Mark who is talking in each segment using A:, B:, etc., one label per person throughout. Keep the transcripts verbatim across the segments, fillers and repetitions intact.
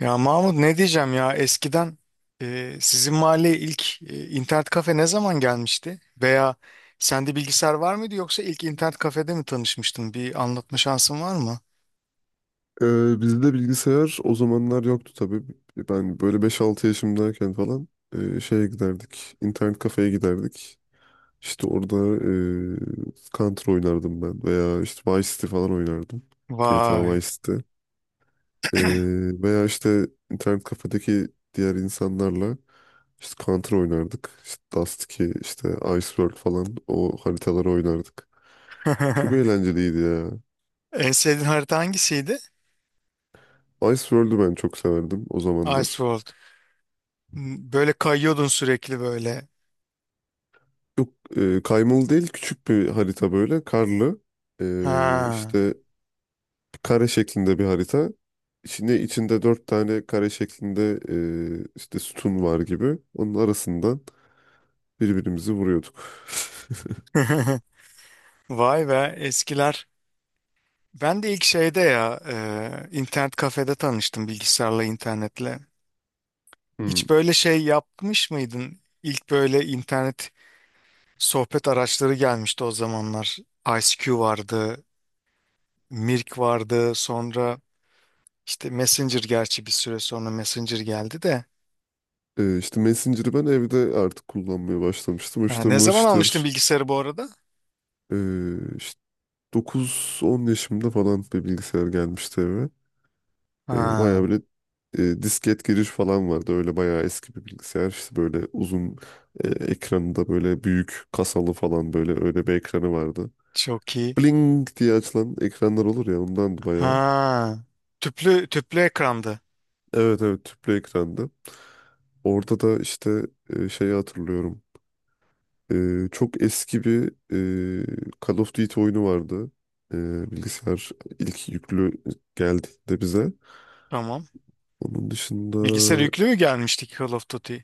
A: Ya Mahmut ne diyeceğim ya eskiden e, sizin mahalleye ilk e, internet kafe ne zaman gelmişti? Veya sende bilgisayar var mıydı yoksa ilk internet kafede mi tanışmıştın? Bir anlatma şansın var mı?
B: Ee, bizde bilgisayar o zamanlar yoktu tabii. Ben böyle beş altı yaşımdayken falan e, şeye giderdik. İnternet kafeye giderdik. İşte orada e, Counter oynardım ben veya işte Vice City falan oynardım. G T A
A: Vay.
B: Vice City. E, Veya işte internet kafedeki diğer insanlarla işte Counter oynardık. İşte Dust iki, işte Ice World falan o haritaları oynardık. Çok eğlenceliydi ya.
A: En sevdiğin harita hangisiydi?
B: Ice world'u ben çok severdim o zamanlar.
A: Iceworld. M, Böyle kayıyordun sürekli böyle.
B: Yok e, kaymalı değil, küçük bir harita, böyle karlı. E,
A: Ha.
B: işte Kare şeklinde bir harita. İçinde içinde dört tane kare şeklinde e, işte sütun var gibi. Onun arasından birbirimizi vuruyorduk.
A: Vay be eskiler. Ben de ilk şeyde ya, e, internet kafede tanıştım bilgisayarla internetle.
B: Hmm.
A: Hiç böyle şey yapmış mıydın? İlk böyle internet sohbet araçları gelmişti o zamanlar. I C Q vardı, Mirk vardı, sonra işte Messenger, gerçi bir süre sonra Messenger geldi de.
B: E, işte Messenger'ı ben evde artık kullanmaya başlamıştım.
A: Ha,
B: İşte
A: ne zaman almıştın
B: Mırş'tır
A: bilgisayarı bu arada?
B: e, işte dokuz on yaşımda falan bir bilgisayar gelmişti eve. E,
A: Ha,
B: bayağı böyle e, disket giriş falan vardı. Öyle bayağı eski bir bilgisayar. İşte böyle uzun e, ekranında, böyle büyük kasalı falan, böyle öyle bir ekranı vardı.
A: çok iyi.
B: Bling diye açılan ekranlar olur ya, ondandı bayağı.
A: Ha, tüplü tüplü ekrandı.
B: Evet evet, tüplü ekrandı. Orada da işte e, şeyi hatırlıyorum. E, çok eski bir e, Call of Duty oyunu vardı. E, bilgisayar ilk yüklü geldiğinde bize.
A: Tamam.
B: Onun dışında
A: Bilgisayar yüklü mü gelmişti ki Call of Duty?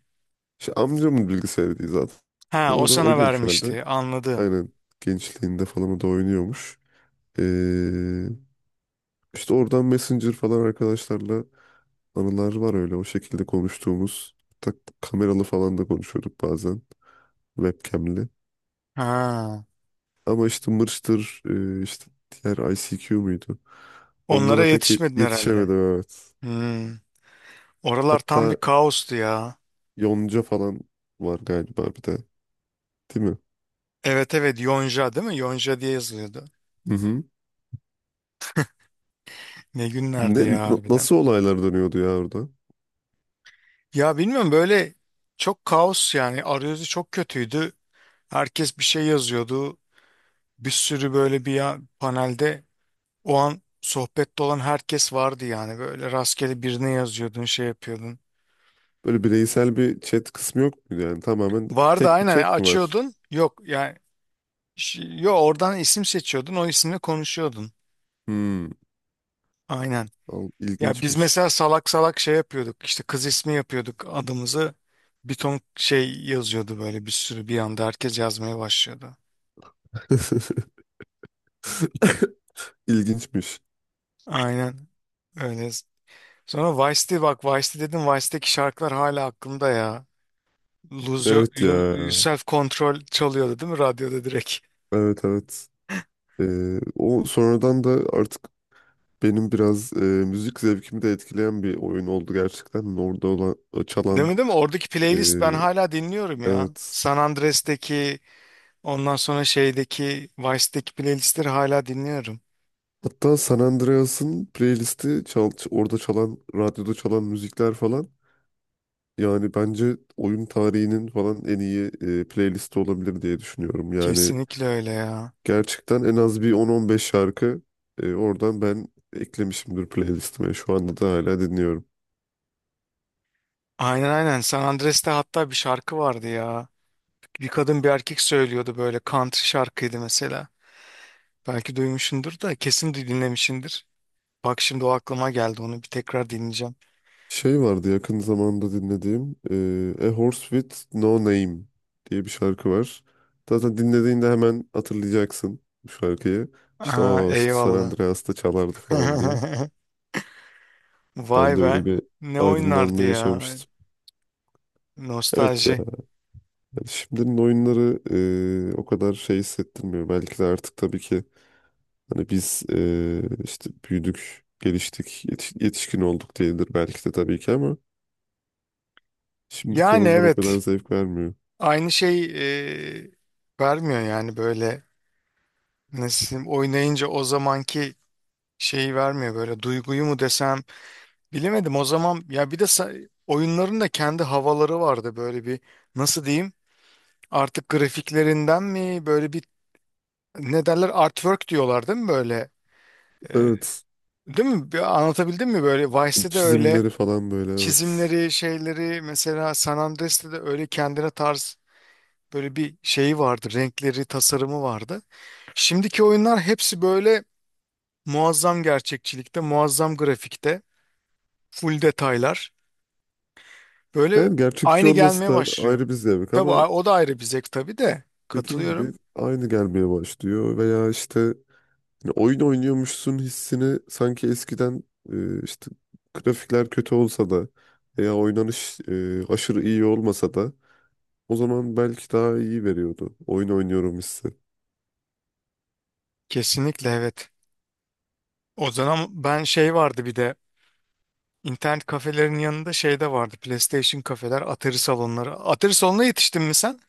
B: işte amcamın bilgisayarıydı zaten.
A: Ha, o
B: Orada
A: sana
B: oynuyormuş herhalde.
A: vermişti. Anladım.
B: Aynen, gençliğinde falan o da oynuyormuş. Ee, işte oradan Messenger falan arkadaşlarla anılar var, öyle o şekilde konuştuğumuz. Tak, kameralı falan da konuşuyorduk bazen, webcam'li.
A: Ha,
B: Ama işte Mırç'tır e, işte diğer I C Q muydu?
A: onlara
B: Onlara pek ye-
A: yetişmedin herhalde.
B: yetişemedim, evet.
A: Hmm. Oralar tam bir
B: Hatta
A: kaostu ya.
B: Yonca falan var galiba bir de, değil mi?
A: Evet evet, Yonca değil mi? Yonca diye yazılıyordu.
B: Hı hı.
A: Ne günlerdi
B: Ne,
A: ya
B: na-
A: harbiden.
B: nasıl olaylar dönüyordu ya orada?
A: Ya bilmiyorum, böyle çok kaos yani, arayüzü çok kötüydü. Herkes bir şey yazıyordu. Bir sürü böyle bir ya- panelde o an sohbette olan herkes vardı, yani böyle rastgele birine yazıyordun, şey yapıyordun.
B: Böyle bireysel bir chat kısmı yok muydu yani? Tamamen
A: Vardı,
B: tek bir
A: aynen
B: chat mi var?
A: açıyordun, yok yani ş- yok, oradan isim seçiyordun, o isimle konuşuyordun.
B: Hmm.
A: Aynen.
B: Al,
A: Ya biz
B: ilginçmiş.
A: mesela salak salak şey yapıyorduk. İşte kız ismi yapıyorduk adımızı. Bir ton şey yazıyordu böyle, bir sürü, bir anda herkes yazmaya başlıyordu.
B: İlginçmiş.
A: Aynen öyle. Sonra Vice'di bak, Vice'di dedim. Vice'deki şarkılar hala aklımda ya. Lose Your,
B: Evet ya.
A: Your- Self Control çalıyordu değil mi radyoda direkt?
B: Evet evet. Ee, o sonradan da artık benim biraz e, müzik zevkimi de etkileyen bir oyun oldu gerçekten. Orada olan, o
A: Değil
B: çalan.
A: mi değil mi? Oradaki
B: E,
A: playlist ben hala dinliyorum ya.
B: evet.
A: San Andreas'teki, ondan sonra şeydeki, Vice'deki playlistleri hala dinliyorum.
B: Hatta San Andreas'ın playlisti çal, orada çalan, radyoda çalan müzikler falan. Yani bence oyun tarihinin falan en iyi e, playlisti olabilir diye düşünüyorum. Yani
A: Kesinlikle öyle ya.
B: gerçekten en az bir on on beş şarkı e, oradan ben eklemişimdir playlistime. Şu anda da hala dinliyorum.
A: Aynen aynen. San Andreas'te hatta bir şarkı vardı ya. Bir kadın bir erkek söylüyordu, böyle country şarkıydı mesela. Belki duymuşsundur, da kesin de dinlemişsindir. Bak şimdi o aklıma geldi, onu bir tekrar dinleyeceğim.
B: Şey vardı yakın zamanda dinlediğim, e, A Horse With No Name diye bir şarkı var. Zaten dinlediğinde hemen hatırlayacaksın bu şarkıyı. İşte
A: Aa,
B: o işte San
A: eyvallah.
B: Andreas'ta çalardı falan diye.
A: Vay
B: Ben de öyle
A: be.
B: bir
A: Ne oynardı
B: aydınlanma
A: ya.
B: yaşamıştım. Evet ya,
A: Nostalji.
B: yani şimdinin oyunları e, o kadar şey hissettirmiyor. Belki de artık tabii ki hani biz e, işte büyüdük, geliştik, yetiş- yetişkin olduk diyedir belki de tabii ki, ama şimdiki
A: Yani
B: oyunlar o kadar
A: evet.
B: zevk vermiyor.
A: Aynı şey e, vermiyor yani böyle. Nasıl diyeyim, oynayınca o zamanki şeyi vermiyor böyle. Duyguyu mu desem. Bilemedim. O zaman ya bir de sa- oyunların da kendi havaları vardı, böyle bir, nasıl diyeyim, artık grafiklerinden mi böyle bir, ne derler, artwork diyorlar değil mi böyle. Ee,
B: Evet.
A: değil mi? Bir anlatabildim mi böyle? Vice'de de öyle
B: Çizimleri falan böyle, evet.
A: çizimleri şeyleri, mesela San Andreas'te de öyle kendine tarz böyle bir şeyi vardı, renkleri, tasarımı vardı. Şimdiki oyunlar hepsi böyle muazzam gerçekçilikte, muazzam grafikte, full detaylar. Böyle
B: Yani gerçekçi
A: aynı
B: olması
A: gelmeye
B: da
A: başlıyor.
B: ayrı bir zevk
A: Tabii
B: ama
A: a- o da ayrı bir zevk tabii de.
B: dediğin
A: Katılıyorum.
B: gibi aynı gelmeye başlıyor, veya işte hani oyun oynuyormuşsun hissini sanki eskiden e, işte grafikler kötü olsa da veya oynanış e, aşırı iyi olmasa da o zaman belki daha iyi veriyordu. Oyun oynuyorum hissi.
A: Kesinlikle evet. O zaman ben, şey vardı bir de, internet kafelerin yanında şey de vardı. PlayStation kafeler, Atari salonları. Atari salonuna yetiştin mi sen?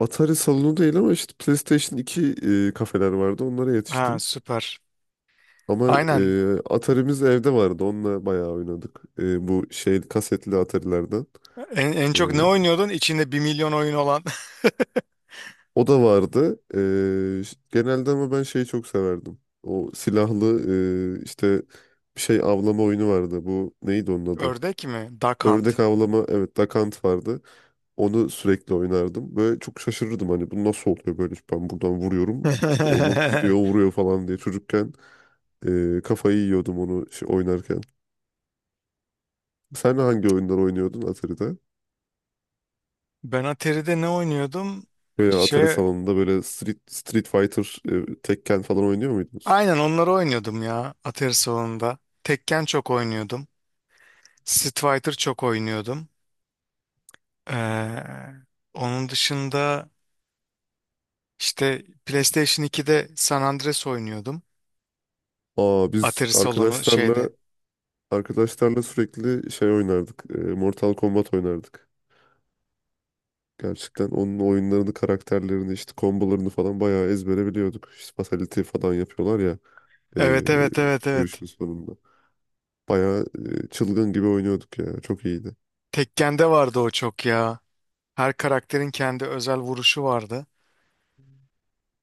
B: Atari salonu değil ama işte PlayStation iki e, kafeler vardı. Onlara
A: Ha
B: yetiştim.
A: süper.
B: Ama
A: Aynen.
B: e, Atari'miz evde vardı. Onunla bayağı oynadık. E, bu şey kasetli Atari'lerden.
A: En, en
B: E,
A: çok ne oynuyordun? İçinde bir milyon oyun olan.
B: O da vardı. E, ş- genelde ama ben şeyi çok severdim. O silahlı e, işte bir şey avlama oyunu vardı. Bu neydi onun adı?
A: Ördek mi? Duck Hunt.
B: Ördek avlama, evet, Dakant vardı. Onu sürekli oynardım. Böyle çok şaşırırdım, hani bu nasıl oluyor böyle, ben buradan vuruyorum, işte onu gidiyor vuruyor falan diye çocukken. Ee, kafayı yiyordum onu şey, oynarken. Sen hangi oyunlar oynuyordun Atari'de?
A: Ben Atari'de ne oynuyordum?
B: Böyle Atari
A: Şey,
B: salonunda böyle Street, Street Fighter, e, Tekken falan oynuyor muydunuz?
A: aynen onları oynuyordum ya Atari salonunda. Tekken çok oynuyordum. Street Fighter çok oynuyordum. Ee, onun dışında işte PlayStation ikide San Andreas oynuyordum.
B: Aa, biz
A: Atari salonu şeyde.
B: arkadaşlarla arkadaşlarla sürekli şey oynardık, e, Mortal Kombat oynardık. Gerçekten onun oyunlarını, karakterlerini, işte kombolarını falan bayağı ezbere biliyorduk. İşte fatality falan yapıyorlar ya e,
A: Evet evet evet evet.
B: dövüşün sonunda. Bayağı e, çılgın gibi oynuyorduk ya. Çok iyiydi.
A: Tekken'de vardı o çok ya. Her karakterin kendi özel vuruşu vardı.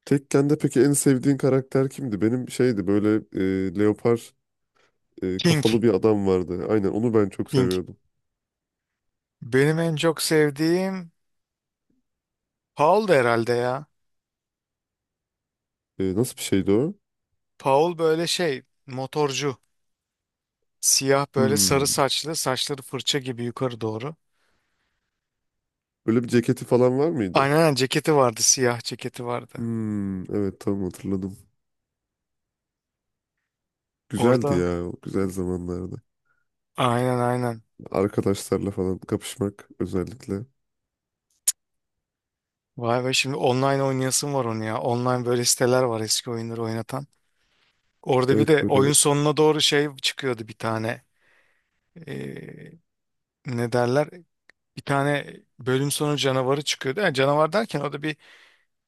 B: Tekken'de peki en sevdiğin karakter kimdi? Benim şeydi, böyle e, leopar e,
A: King,
B: kafalı bir adam vardı. Aynen onu ben çok
A: King.
B: seviyordum.
A: Benim en çok sevdiğim Paul da herhalde ya.
B: E, nasıl bir şeydi o?
A: Paul böyle şey, motorcu. Siyah böyle, sarı
B: Hmm.
A: saçlı, saçları fırça gibi yukarı doğru.
B: Böyle bir ceketi falan var mıydı?
A: Aynen aynen, ceketi vardı, siyah ceketi vardı.
B: Hmm, evet, tamam, hatırladım. Güzeldi
A: Orada,
B: ya o güzel zamanlarda.
A: aynen aynen.
B: Arkadaşlarla falan kapışmak özellikle.
A: Vay be şimdi online oynayasım var onu ya. Online böyle siteler var eski oyunları oynatan. Orada bir
B: Evet
A: de
B: böyle.
A: oyun sonuna doğru şey çıkıyordu, bir tane. Ee, ne derler? Bir tane bölüm sonu canavarı çıkıyordu. Yani canavar derken o da bir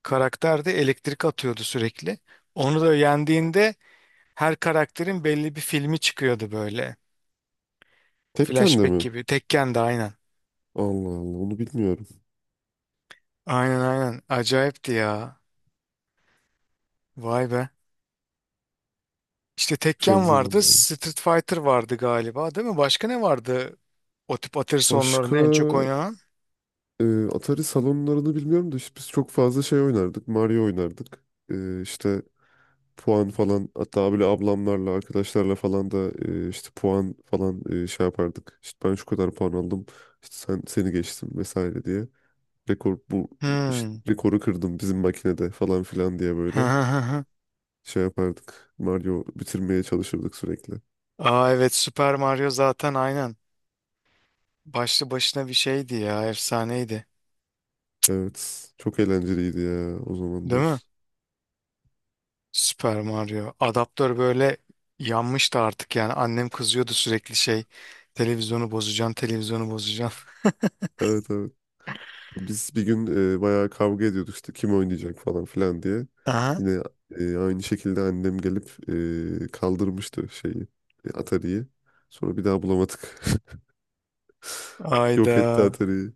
A: karakterdi. Elektrik atıyordu sürekli. Onu da yendiğinde her karakterin belli bir filmi çıkıyordu böyle.
B: Tekken'de
A: Flashback
B: mi?
A: gibi. Tekken de aynen.
B: Allah Allah, onu bilmiyorum.
A: Aynen aynen. Acayipti ya. Vay be. İşte
B: Güzel
A: Tekken vardı,
B: zamanlar.
A: Street Fighter vardı galiba, değil mi? Başka ne vardı? O tip
B: Başka
A: atari en çok oynanan.
B: e, Atari salonlarını bilmiyorum da işte biz çok fazla şey oynardık. Mario oynardık. E, işte Puan falan, hatta böyle ablamlarla arkadaşlarla falan da e, işte puan falan e, şey yapardık. İşte ben şu kadar puan aldım, işte sen seni geçtim vesaire diye. Rekor bu, işte
A: Hmm.
B: rekoru kırdım bizim makinede falan filan diye, böyle şey yapardık. Mario bitirmeye çalışırdık sürekli.
A: Aa evet, Super Mario zaten, aynen. Başlı başına bir şeydi ya, efsaneydi.
B: Evet, çok eğlenceliydi ya o
A: Değil mi?
B: zamanlar.
A: Super Mario. Adaptör böyle yanmıştı artık yani. Annem kızıyordu sürekli, şey, televizyonu bozacaksın, televizyonu bozacaksın.
B: Evet evet. Biz bir gün e, bayağı kavga ediyorduk işte kim oynayacak falan filan diye.
A: Aha.
B: Yine e, aynı şekilde annem gelip e, kaldırmıştı şeyi, e, Atari'yi. Sonra bir daha bulamadık. Yok
A: Ayda.
B: etti Atari'yi.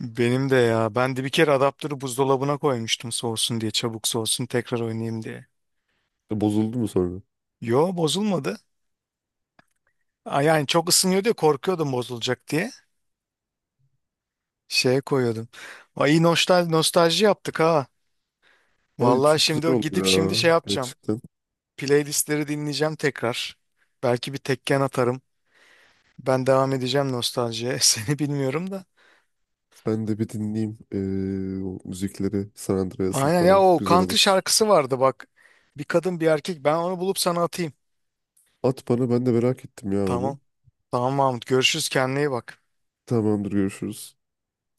A: Benim de ya. Ben de bir kere adaptörü buzdolabına koymuştum soğusun diye, çabuk soğusun tekrar oynayayım diye.
B: E, Bozuldu mu sonra?
A: Yo bozulmadı. Aa, yani çok ısınıyor diye korkuyordum, bozulacak diye. Şeye koyuyordum. Ay iyi, nostalji, nostalji yaptık ha.
B: Ay,
A: Vallahi
B: çok
A: şimdi o-
B: güzel oldu
A: gidip şimdi
B: ya
A: şey yapacağım.
B: gerçekten.
A: Playlistleri dinleyeceğim tekrar. Belki bir tekken atarım. Ben devam edeceğim nostaljiye. Seni bilmiyorum da.
B: Ben de bir dinleyeyim e, o müzikleri, San Andreas'ın
A: Aynen ya,
B: falan.
A: o
B: Güzel
A: country
B: olur.
A: şarkısı vardı bak. Bir kadın bir erkek. Ben onu bulup sana atayım.
B: At bana, ben de merak ettim ya onu.
A: Tamam. Tamam Mahmut. Görüşürüz. Kendine iyi bak.
B: Tamamdır, görüşürüz.